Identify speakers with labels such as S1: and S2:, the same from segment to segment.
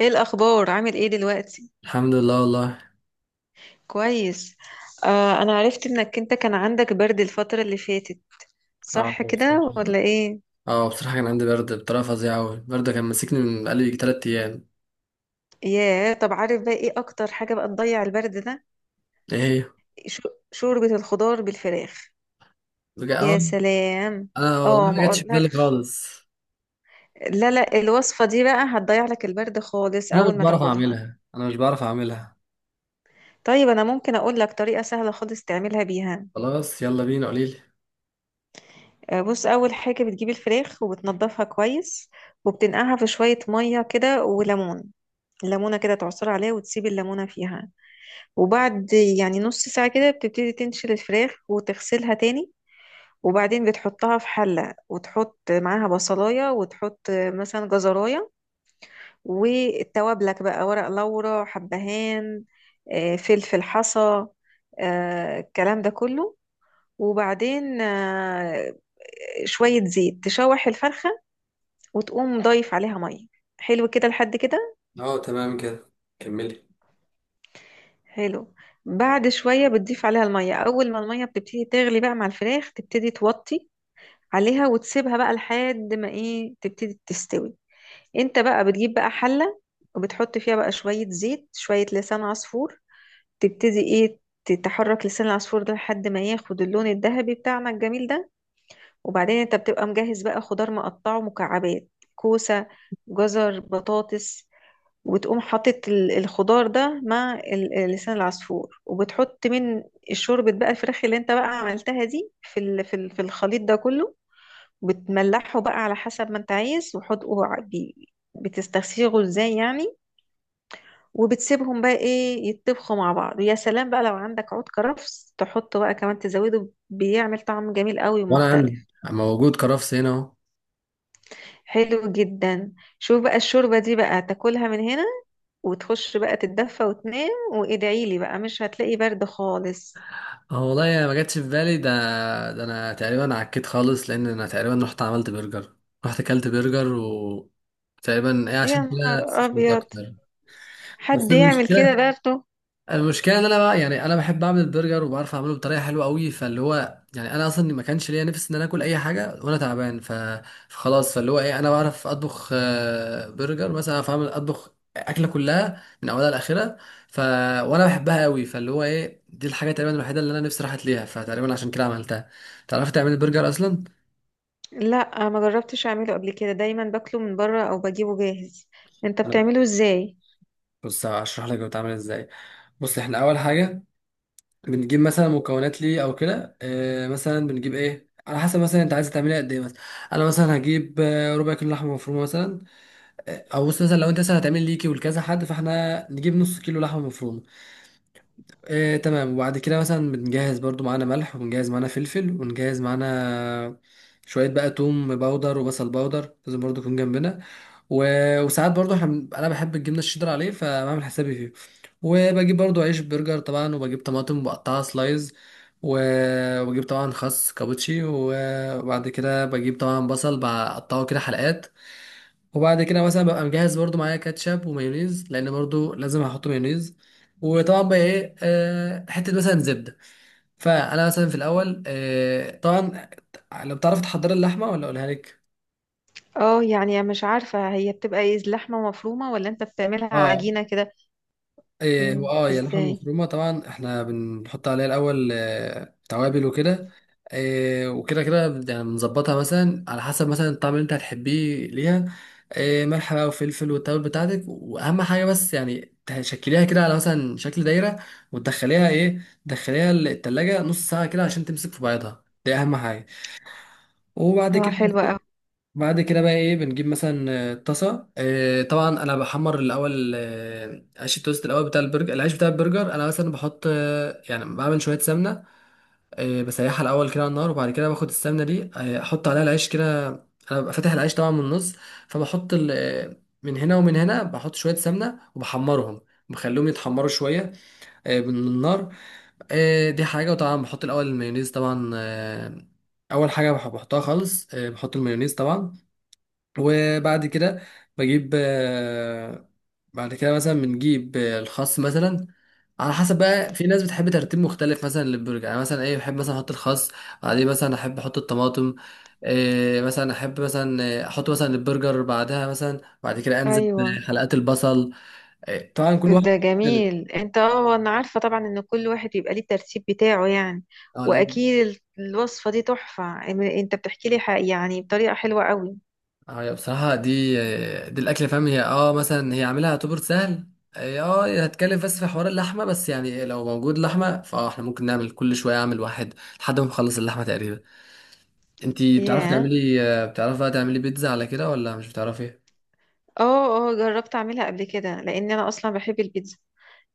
S1: ايه الاخبار عامل ايه دلوقتي؟
S2: الحمد لله والله.
S1: كويس. آه، انا عرفت انك انت كان عندك برد الفترة اللي فاتت،
S2: اه
S1: صح
S2: بصراحة.
S1: كده ولا ايه؟
S2: اه بصراحة كان عندي برد بطريقة فظيعة أوي، البرد كان ماسكني من بقالي يجي 3 أيام.
S1: ياه، طب عارف بقى ايه اكتر حاجة بقى تضيع البرد ده؟
S2: إيه هي؟
S1: ش- شوربة الخضار بالفراخ.
S2: اه،
S1: يا سلام.
S2: أنا
S1: اه،
S2: والله ما
S1: ما
S2: جاتش في بالي
S1: اقولكش.
S2: خالص.
S1: لا لا، الوصفة دي بقى هتضيع لك البرد خالص
S2: أنا مش
S1: اول ما
S2: بعرف
S1: تاكلها.
S2: أعملها أنا مش بعرف أعملها
S1: طيب انا ممكن اقول لك طريقة سهلة خالص تعملها بيها؟
S2: خلاص، يلا بينا، قوليلي.
S1: بص، اول حاجة بتجيب الفراخ وبتنضفها كويس، وبتنقعها في شوية مية كده وليمون. ليمونة كده تعصر عليها وتسيب الليمونة فيها، وبعد يعني نص ساعة كده بتبتدي تنشل الفراخ وتغسلها تاني. وبعدين بتحطها في حلة وتحط معاها بصلاية وتحط مثلا جزراية، والتوابلك بقى ورق لورا حبهان، فلفل حصى، الكلام ده كله. وبعدين شوية زيت تشوح الفرخة، وتقوم ضايف عليها مية. حلو كده، لحد كده.
S2: اه تمام كده، كملي.
S1: حلو. بعد شوية بتضيف عليها المية، أول ما المية بتبتدي تغلي بقى مع الفراخ تبتدي توطي عليها وتسيبها بقى لحد ما إيه تبتدي تستوي. أنت بقى بتجيب بقى حلة، وبتحط فيها بقى شوية زيت شوية لسان عصفور، تبتدي إيه تحرك لسان العصفور ده لحد ما ياخد اللون الذهبي بتاعنا الجميل ده. وبعدين أنت بتبقى مجهز بقى خضار مقطعه مكعبات: كوسة، جزر، بطاطس. وتقوم حاطط الخضار ده مع لسان العصفور، وبتحط من شوربة بقى الفراخ اللي انت بقى عملتها دي في الخليط ده كله. بتملحه بقى على حسب ما انت عايز، وحط بتستسيغه ازاي يعني، وبتسيبهم بقى ايه يتطبخوا مع بعض. ويا سلام بقى لو عندك عود كرفس تحطه بقى كمان، تزوده بيعمل طعم جميل قوي
S2: وأنا
S1: ومختلف.
S2: أنا موجود كرفس هنا أهو.
S1: حلو جدا. شوف بقى الشوربة دي بقى تاكلها من هنا، وتخش بقى تتدفى وتنام وادعي لي بقى، مش هتلاقي برد خالص.
S2: اه والله ما جاتش في بالي ده. ده أنا تقريبا عكيت خالص، لأن أنا تقريبا رحت عملت برجر، رحت أكلت برجر و تقريبا إيه
S1: يا
S2: عشان كده
S1: نهار
S2: سخنت
S1: ابيض،
S2: أكتر. بس
S1: حد يعمل كده
S2: المشكلة
S1: برضه؟
S2: المشكله ان انا، بقى يعني انا بحب اعمل البرجر وبعرف اعمله بطريقه حلوه قوي، فاللي هو يعني انا اصلا ما كانش ليا نفس ان انا اكل اي حاجه وانا تعبان فخلاص، فاللي هو ايه، انا بعرف اطبخ برجر مثلا، اعرف اعمل اطبخ اكله كلها من اولها لاخرها. ف وانا بحبها قوي، فاللي هو ايه، دي الحاجه تقريبا الوحيده اللي انا نفسي راحت ليها، فتقريبا عشان كده عملتها. تعرفي تعملي البرجر اصلا؟
S1: لا، ما جربتش اعمله قبل كده، دايما باكله من بره او بجيبه جاهز. انت
S2: أنا-
S1: بتعمله ازاي؟
S2: بص هشرح لك بتعمل ازاي. بص، احنا اول حاجه بنجيب مثلا مكونات ليه او كده، آه مثلا بنجيب ايه على حسب مثلا انت عايز تعمليها قد ايه. مثلا انا مثلا هجيب ربع كيلو لحمه مفرومه مثلا، او بص مثلا لو انت مثلا هتعمل ليكي ولكذا حد، فاحنا نجيب نص كيلو لحمه مفرومه. آه تمام، وبعد كده مثلا بنجهز برضو معانا ملح، وبنجهز معانا فلفل، ونجهز معانا شويه بقى توم باودر وبصل باودر، لازم برضو يكون جنبنا. وساعات برضو انا بحب الجبنه الشيدر عليه، فبعمل حسابي فيه. وبجيب برضو عيش برجر طبعا، وبجيب طماطم مقطعه سلايز و... وبجيب طبعا خس كابوتشي وبعد كده بجيب طبعا بصل بقطعه كده حلقات. وبعد كده مثلا ببقى مجهز برضو معايا كاتشب ومايونيز، لان برضو لازم هحط مايونيز. وطبعا بقى ايه، حته مثلا زبده. فانا مثلا في الاول، طبعا لو بتعرف تحضر اللحمه ولا اقولها لك؟
S1: اه يعني مش عارفة، هي بتبقى ايه لحمة مفرومة ولا انت بتعملها
S2: اه،
S1: عجينة كده؟ امم،
S2: واه يا لحم
S1: ازاي؟
S2: مفرومه طبعا، احنا بنحط عليها الاول توابل وكده. وكده كده، يعني بنظبطها مثلا على حسب مثلا الطعم اللي انت هتحبيه ليها. ملح بقى وفلفل والتوابل بتاعتك، واهم حاجه بس يعني تشكليها كده على مثلا شكل دايره. وتدخليها ايه، تدخليها التلاجة نص ساعه كده عشان تمسك في بعضها، دي اهم حاجه. وبعد
S1: اه
S2: كده
S1: حلوة اوي.
S2: بعد كده بقى ايه، بنجيب مثلا طاسه، طبعا انا بحمر الاول عيش التوست، الاول بتاع البرجر العيش بتاع البرجر، انا مثلا بحط يعني بعمل شويه سمنه، بسيحها الاول كده على النار، وبعد كده باخد السمنه دي احط عليها العيش كده. انا ببقى فاتح العيش طبعا من النص، فبحط من هنا ومن هنا بحط شويه سمنه وبحمرهم، بخليهم يتحمروا شويه من النار. دي حاجه. وطبعا بحط الاول المايونيز طبعا، اول حاجه بحطها خالص، بحط المايونيز طبعا. وبعد كده بجيب بعد كده مثلا بنجيب الخس مثلا. على حسب بقى، في ناس بتحب ترتيب مختلف مثلا للبرجر. يعني مثلا ايه بحب مثلا احط الخس، بعدين مثلا احب احط الطماطم، إيه مثلا احب مثلا احط مثلا البرجر، بعدها مثلا بعد كده انزل
S1: ايوه.
S2: بحلقات البصل. إيه طبعا كل واحد
S1: ده
S2: مختلف.
S1: جميل. انت، اه، انا عارفة طبعا ان كل واحد يبقى ليه الترتيب بتاعه يعني.
S2: اه.
S1: واكيد الوصفة دي تحفة. انت بتحكي لي يعني بطريقة حلوة قوي.
S2: اه هي بصراحة، دي دي الأكلة فاهم، هي اه مثلا هي عاملها يعتبر سهل. اه هي هتكلم بس في حوار اللحمة بس، يعني لو موجود لحمة فاه احنا ممكن نعمل كل شوية أعمل واحد لحد ما نخلص اللحمة تقريبا. انتي بتعرفي
S1: ياه،
S2: تعملي بتعرفي بقى تعملي بيتزا على كده ولا مش بتعرفي؟
S1: اه اه جربت اعملها قبل كده لان انا اصلا بحب البيتزا.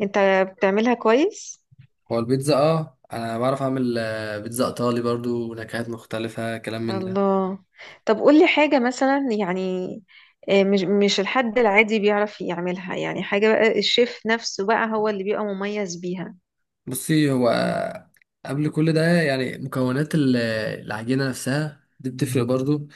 S1: انت بتعملها كويس؟
S2: هو البيتزا اه أنا بعرف أعمل بيتزا إيطالي برضو، ونكهات مختلفة كلام من ده.
S1: الله. طب قولي حاجة مثلا يعني، مش الحد العادي بيعرف يعملها، يعني حاجة بقى الشيف نفسه بقى هو اللي بيبقى مميز بيها.
S2: بصي هو قبل كل ده، يعني مكونات العجينة نفسها دي بتفرق برضو.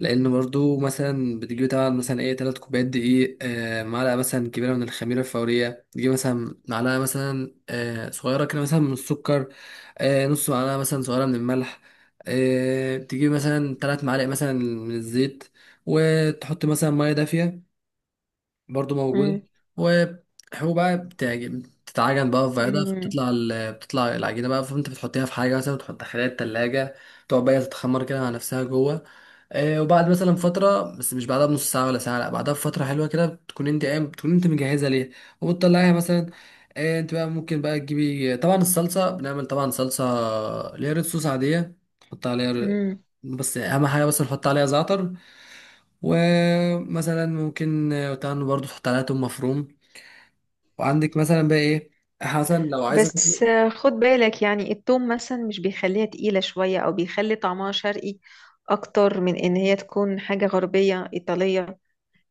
S2: لأن برضو مثلا بتجيب طبعا مثلا ايه 3 كوبايات دقيق، معلقة مثلا كبيرة من الخميرة الفورية، تجيب مثلا معلقة مثلا صغيرة كده مثلا من السكر، نص معلقة مثلا صغيرة من الملح، تجيب مثلا 3 معالق مثلا من الزيت، وتحط مثلا مية دافية برضو موجودة.
S1: امم.
S2: وهو بقى بتتعجن بقى في بياضة، فبتطلع بتطلع العجينة بقى، فانت بتحطيها في حاجة مثلا، بتحط خلال التلاجة تقعد بقى تتخمر كده مع نفسها جوه. آه وبعد مثلا فترة، بس مش بعدها بنص ساعة ولا ساعة، لا بعدها بفترة حلوة كده، بتكون انت قايم بتكون انت مجهزة ليها وبتطلعيها مثلا. آه انت بقى ممكن بقى تجيبي طبعا الصلصة، بنعمل طبعا صلصة اللي هي ريد صوص عادية، تحط عليها
S1: امم.
S2: بس أهم حاجة بس نحط عليها زعتر، ومثلا ممكن تاخد برضه تحط عليها توم مفروم، وعندك مثلا بقى ايه حسن لو عايزه
S1: بس
S2: تاكلي.
S1: خد بالك يعني التوم مثلا مش بيخليها تقيلة شوية أو بيخلي طعمها شرقي أكتر من إن هي تكون حاجة غربية إيطالية.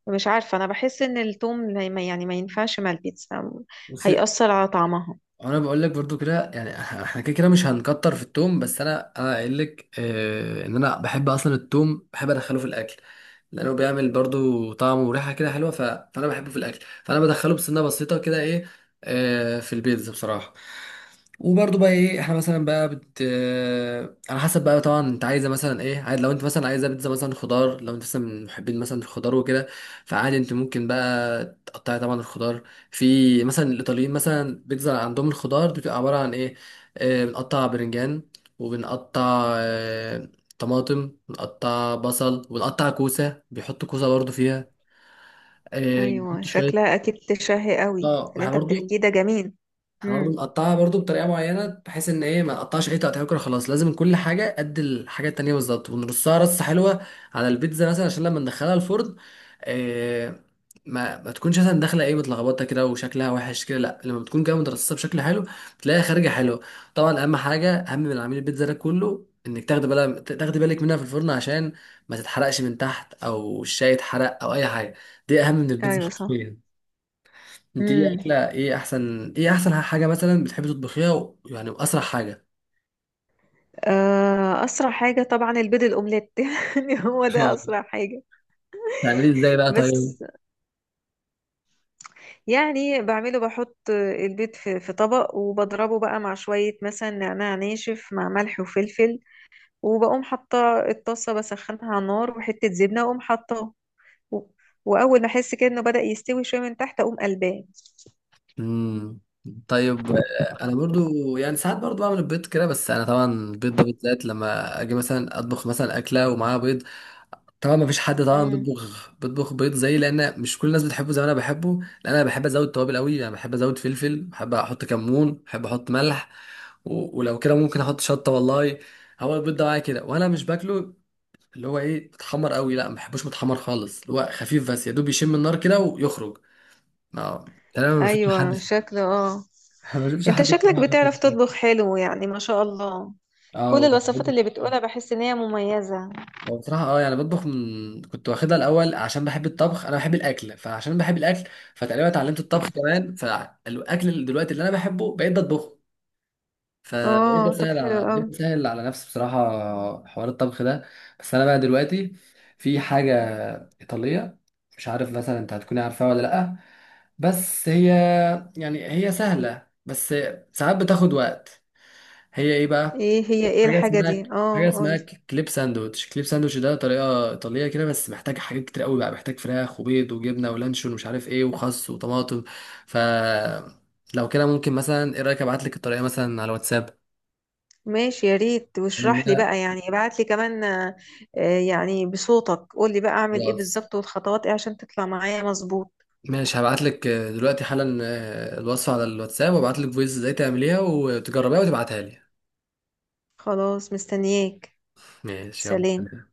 S1: مش عارفة، أنا بحس إن التوم يعني ما ينفعش مع البيتزا،
S2: بصي
S1: هيأثر على طعمها.
S2: انا بقول لك برضو كده، يعني احنا كده كده مش هنكتر في التوم، بس انا قايل لك آه ان انا بحب اصلا التوم، بحب ادخله في الاكل لانه بيعمل برضو طعم وريحه كده حلوه فانا بحبه في الاكل، فانا بدخله بسنه بسيطه كده ايه، في البيتزا بصراحه. وبرضه بقى ايه، احنا مثلا بقى بت آه، على حسب بقى طبعا انت عايزه مثلا ايه عايز، لو انت مثلا عايزه بيتزا مثلا خضار، لو انت مثلا من محبين مثلا الخضار وكده، فعادي انت ممكن بقى تقطعي طبعا الخضار. في مثلا الايطاليين مثلا بيتزا عندهم، الخضار دي بتبقى عباره عن ايه، بنقطع برنجان، وبنقطع طماطم، بنقطع بصل، وبنقطع كوسه، بيحطوا كوسه برضه فيها،
S1: أيوة،
S2: بيحطوا شويه.
S1: شكلها أكيد تشهي قوي
S2: اه، ما
S1: اللي
S2: احنا
S1: أنت
S2: برضه،
S1: بتحكيه ده جميل.
S2: احنا برضه
S1: مم.
S2: بنقطعها برضه بطريقه معينه، بحيث ان ايه ما نقطعش اي تقطيع كده خلاص، لازم كل حاجه قد الحاجه التانيه بالظبط، ونرصها رصه حلوه على البيتزا مثلا، عشان لما ندخلها الفرن إيه ما تكونش مثلا داخله ايه متلخبطه كده وشكلها وحش كده، لا لما بتكون جايه مترصصه بشكل حلو بتلاقيها خارجه حلوه. طبعا اهم حاجه، اهم من عميل البيتزا ده كله، انك تاخدي بالك، تاخدي بالك منها في الفرن عشان ما تتحرقش من تحت، او الشاي يتحرق او اي حاجه، دي اهم من البيتزا.
S1: أيوة صح.
S2: انت ايه
S1: مم.
S2: اكله، ايه احسن، ايه احسن حاجه مثلا بتحبي تطبخيها يعني واسرع حاجه؟
S1: أسرع حاجة طبعا البيض الأومليت يعني هو ده
S2: اه.
S1: أسرع حاجة.
S2: بتعمليه ازاي بقى
S1: بس
S2: طيب؟
S1: يعني بعمله، بحط البيض في طبق وبضربه بقى مع شوية مثلا نعناع ناشف مع ملح وفلفل، وبقوم حاطة الطاسة بسخنها على النار وحتة زبنة وأقوم حاطاه، و- وأول ما أحس كده إنه بدأ يستوي شوية من تحت أقوم قلباه.
S2: امم طيب، انا برضو يعني ساعات برضو بعمل البيض كده، بس انا طبعا البيض ده بالذات لما اجي مثلا اطبخ مثلا اكله ومعاها بيض، طبعا ما فيش حد طبعا
S1: مم.
S2: بيطبخ بيض زي، لان مش كل الناس بتحبه زي ما انا بحبه، لان انا بحب ازود توابل قوي، يعني بحب ازود فلفل، بحب احط كمون، بحب احط ملح، ولو كده ممكن احط شطه والله. هو البيض ده معايا كده وانا مش باكله، اللي هو ايه متحمر قوي، لا ما بحبوش متحمر خالص، اللي هو خفيف بس يا دوب يشم النار كده ويخرج. ما يعني انا ما بشوفش حد
S1: أيوة شكله آه.
S2: ما بشوفش
S1: أنت
S2: حد
S1: شكلك
S2: بصراحة بياكل
S1: بتعرف
S2: كده.
S1: تطبخ حلو يعني ما شاء الله، كل
S2: اه يعني
S1: الوصفات
S2: برضه-
S1: اللي بتقولها بحس إن هي مميزة.
S2: هو بصراحة اه يعني بطبخ من كنت واخدها الأول، عشان بحب الطبخ، أنا بحب الأكل، فعشان بحب الأكل فتقريبا اتعلمت الطبخ كمان، فالأكل اللي دلوقتي اللي أنا بحبه بقيت بطبخه،
S1: آه
S2: فبقيت
S1: طب حلو
S2: بسهل بقيت
S1: أوي.
S2: بسهل على نفسي بصراحة حوار الطبخ ده. بس أنا بقى دلوقتي في حاجة إيطالية، مش عارف مثلا أنت هتكوني عارفاها ولا لأ، بس هي يعني هي سهلة بس ساعات بتاخد وقت. هي إيه بقى؟
S1: إيه هي، إيه
S2: حاجة
S1: الحاجة
S2: اسمها
S1: دي
S2: حاجة
S1: آه؟
S2: اسمها كليب ساندوتش، كليب ساندوتش ده طريقة إيطالية كده، بس محتاج حاجات كتير قوي بقى، محتاج فراخ وبيض وجبنة ولانشون ومش عارف إيه وخس وطماطم. ف لو كده ممكن مثلا ايه رأيك ابعت لك الطريقة مثلا على واتساب؟
S1: ماشي، يا ريت،
S2: ان
S1: واشرح لي
S2: انا
S1: بقى يعني، ابعت لي كمان. يعني بصوتك قول لي بقى اعمل ايه
S2: خلاص،
S1: بالظبط والخطوات ايه عشان تطلع معايا مظبوط.
S2: ماشي هبعت لك دلوقتي حالا الوصفه على الواتساب، وابعت لك فويس ازاي تعمليها وتجربيها وتبعتها لي.
S1: خلاص، مستنياك.
S2: ماشي
S1: سلام.
S2: يلا.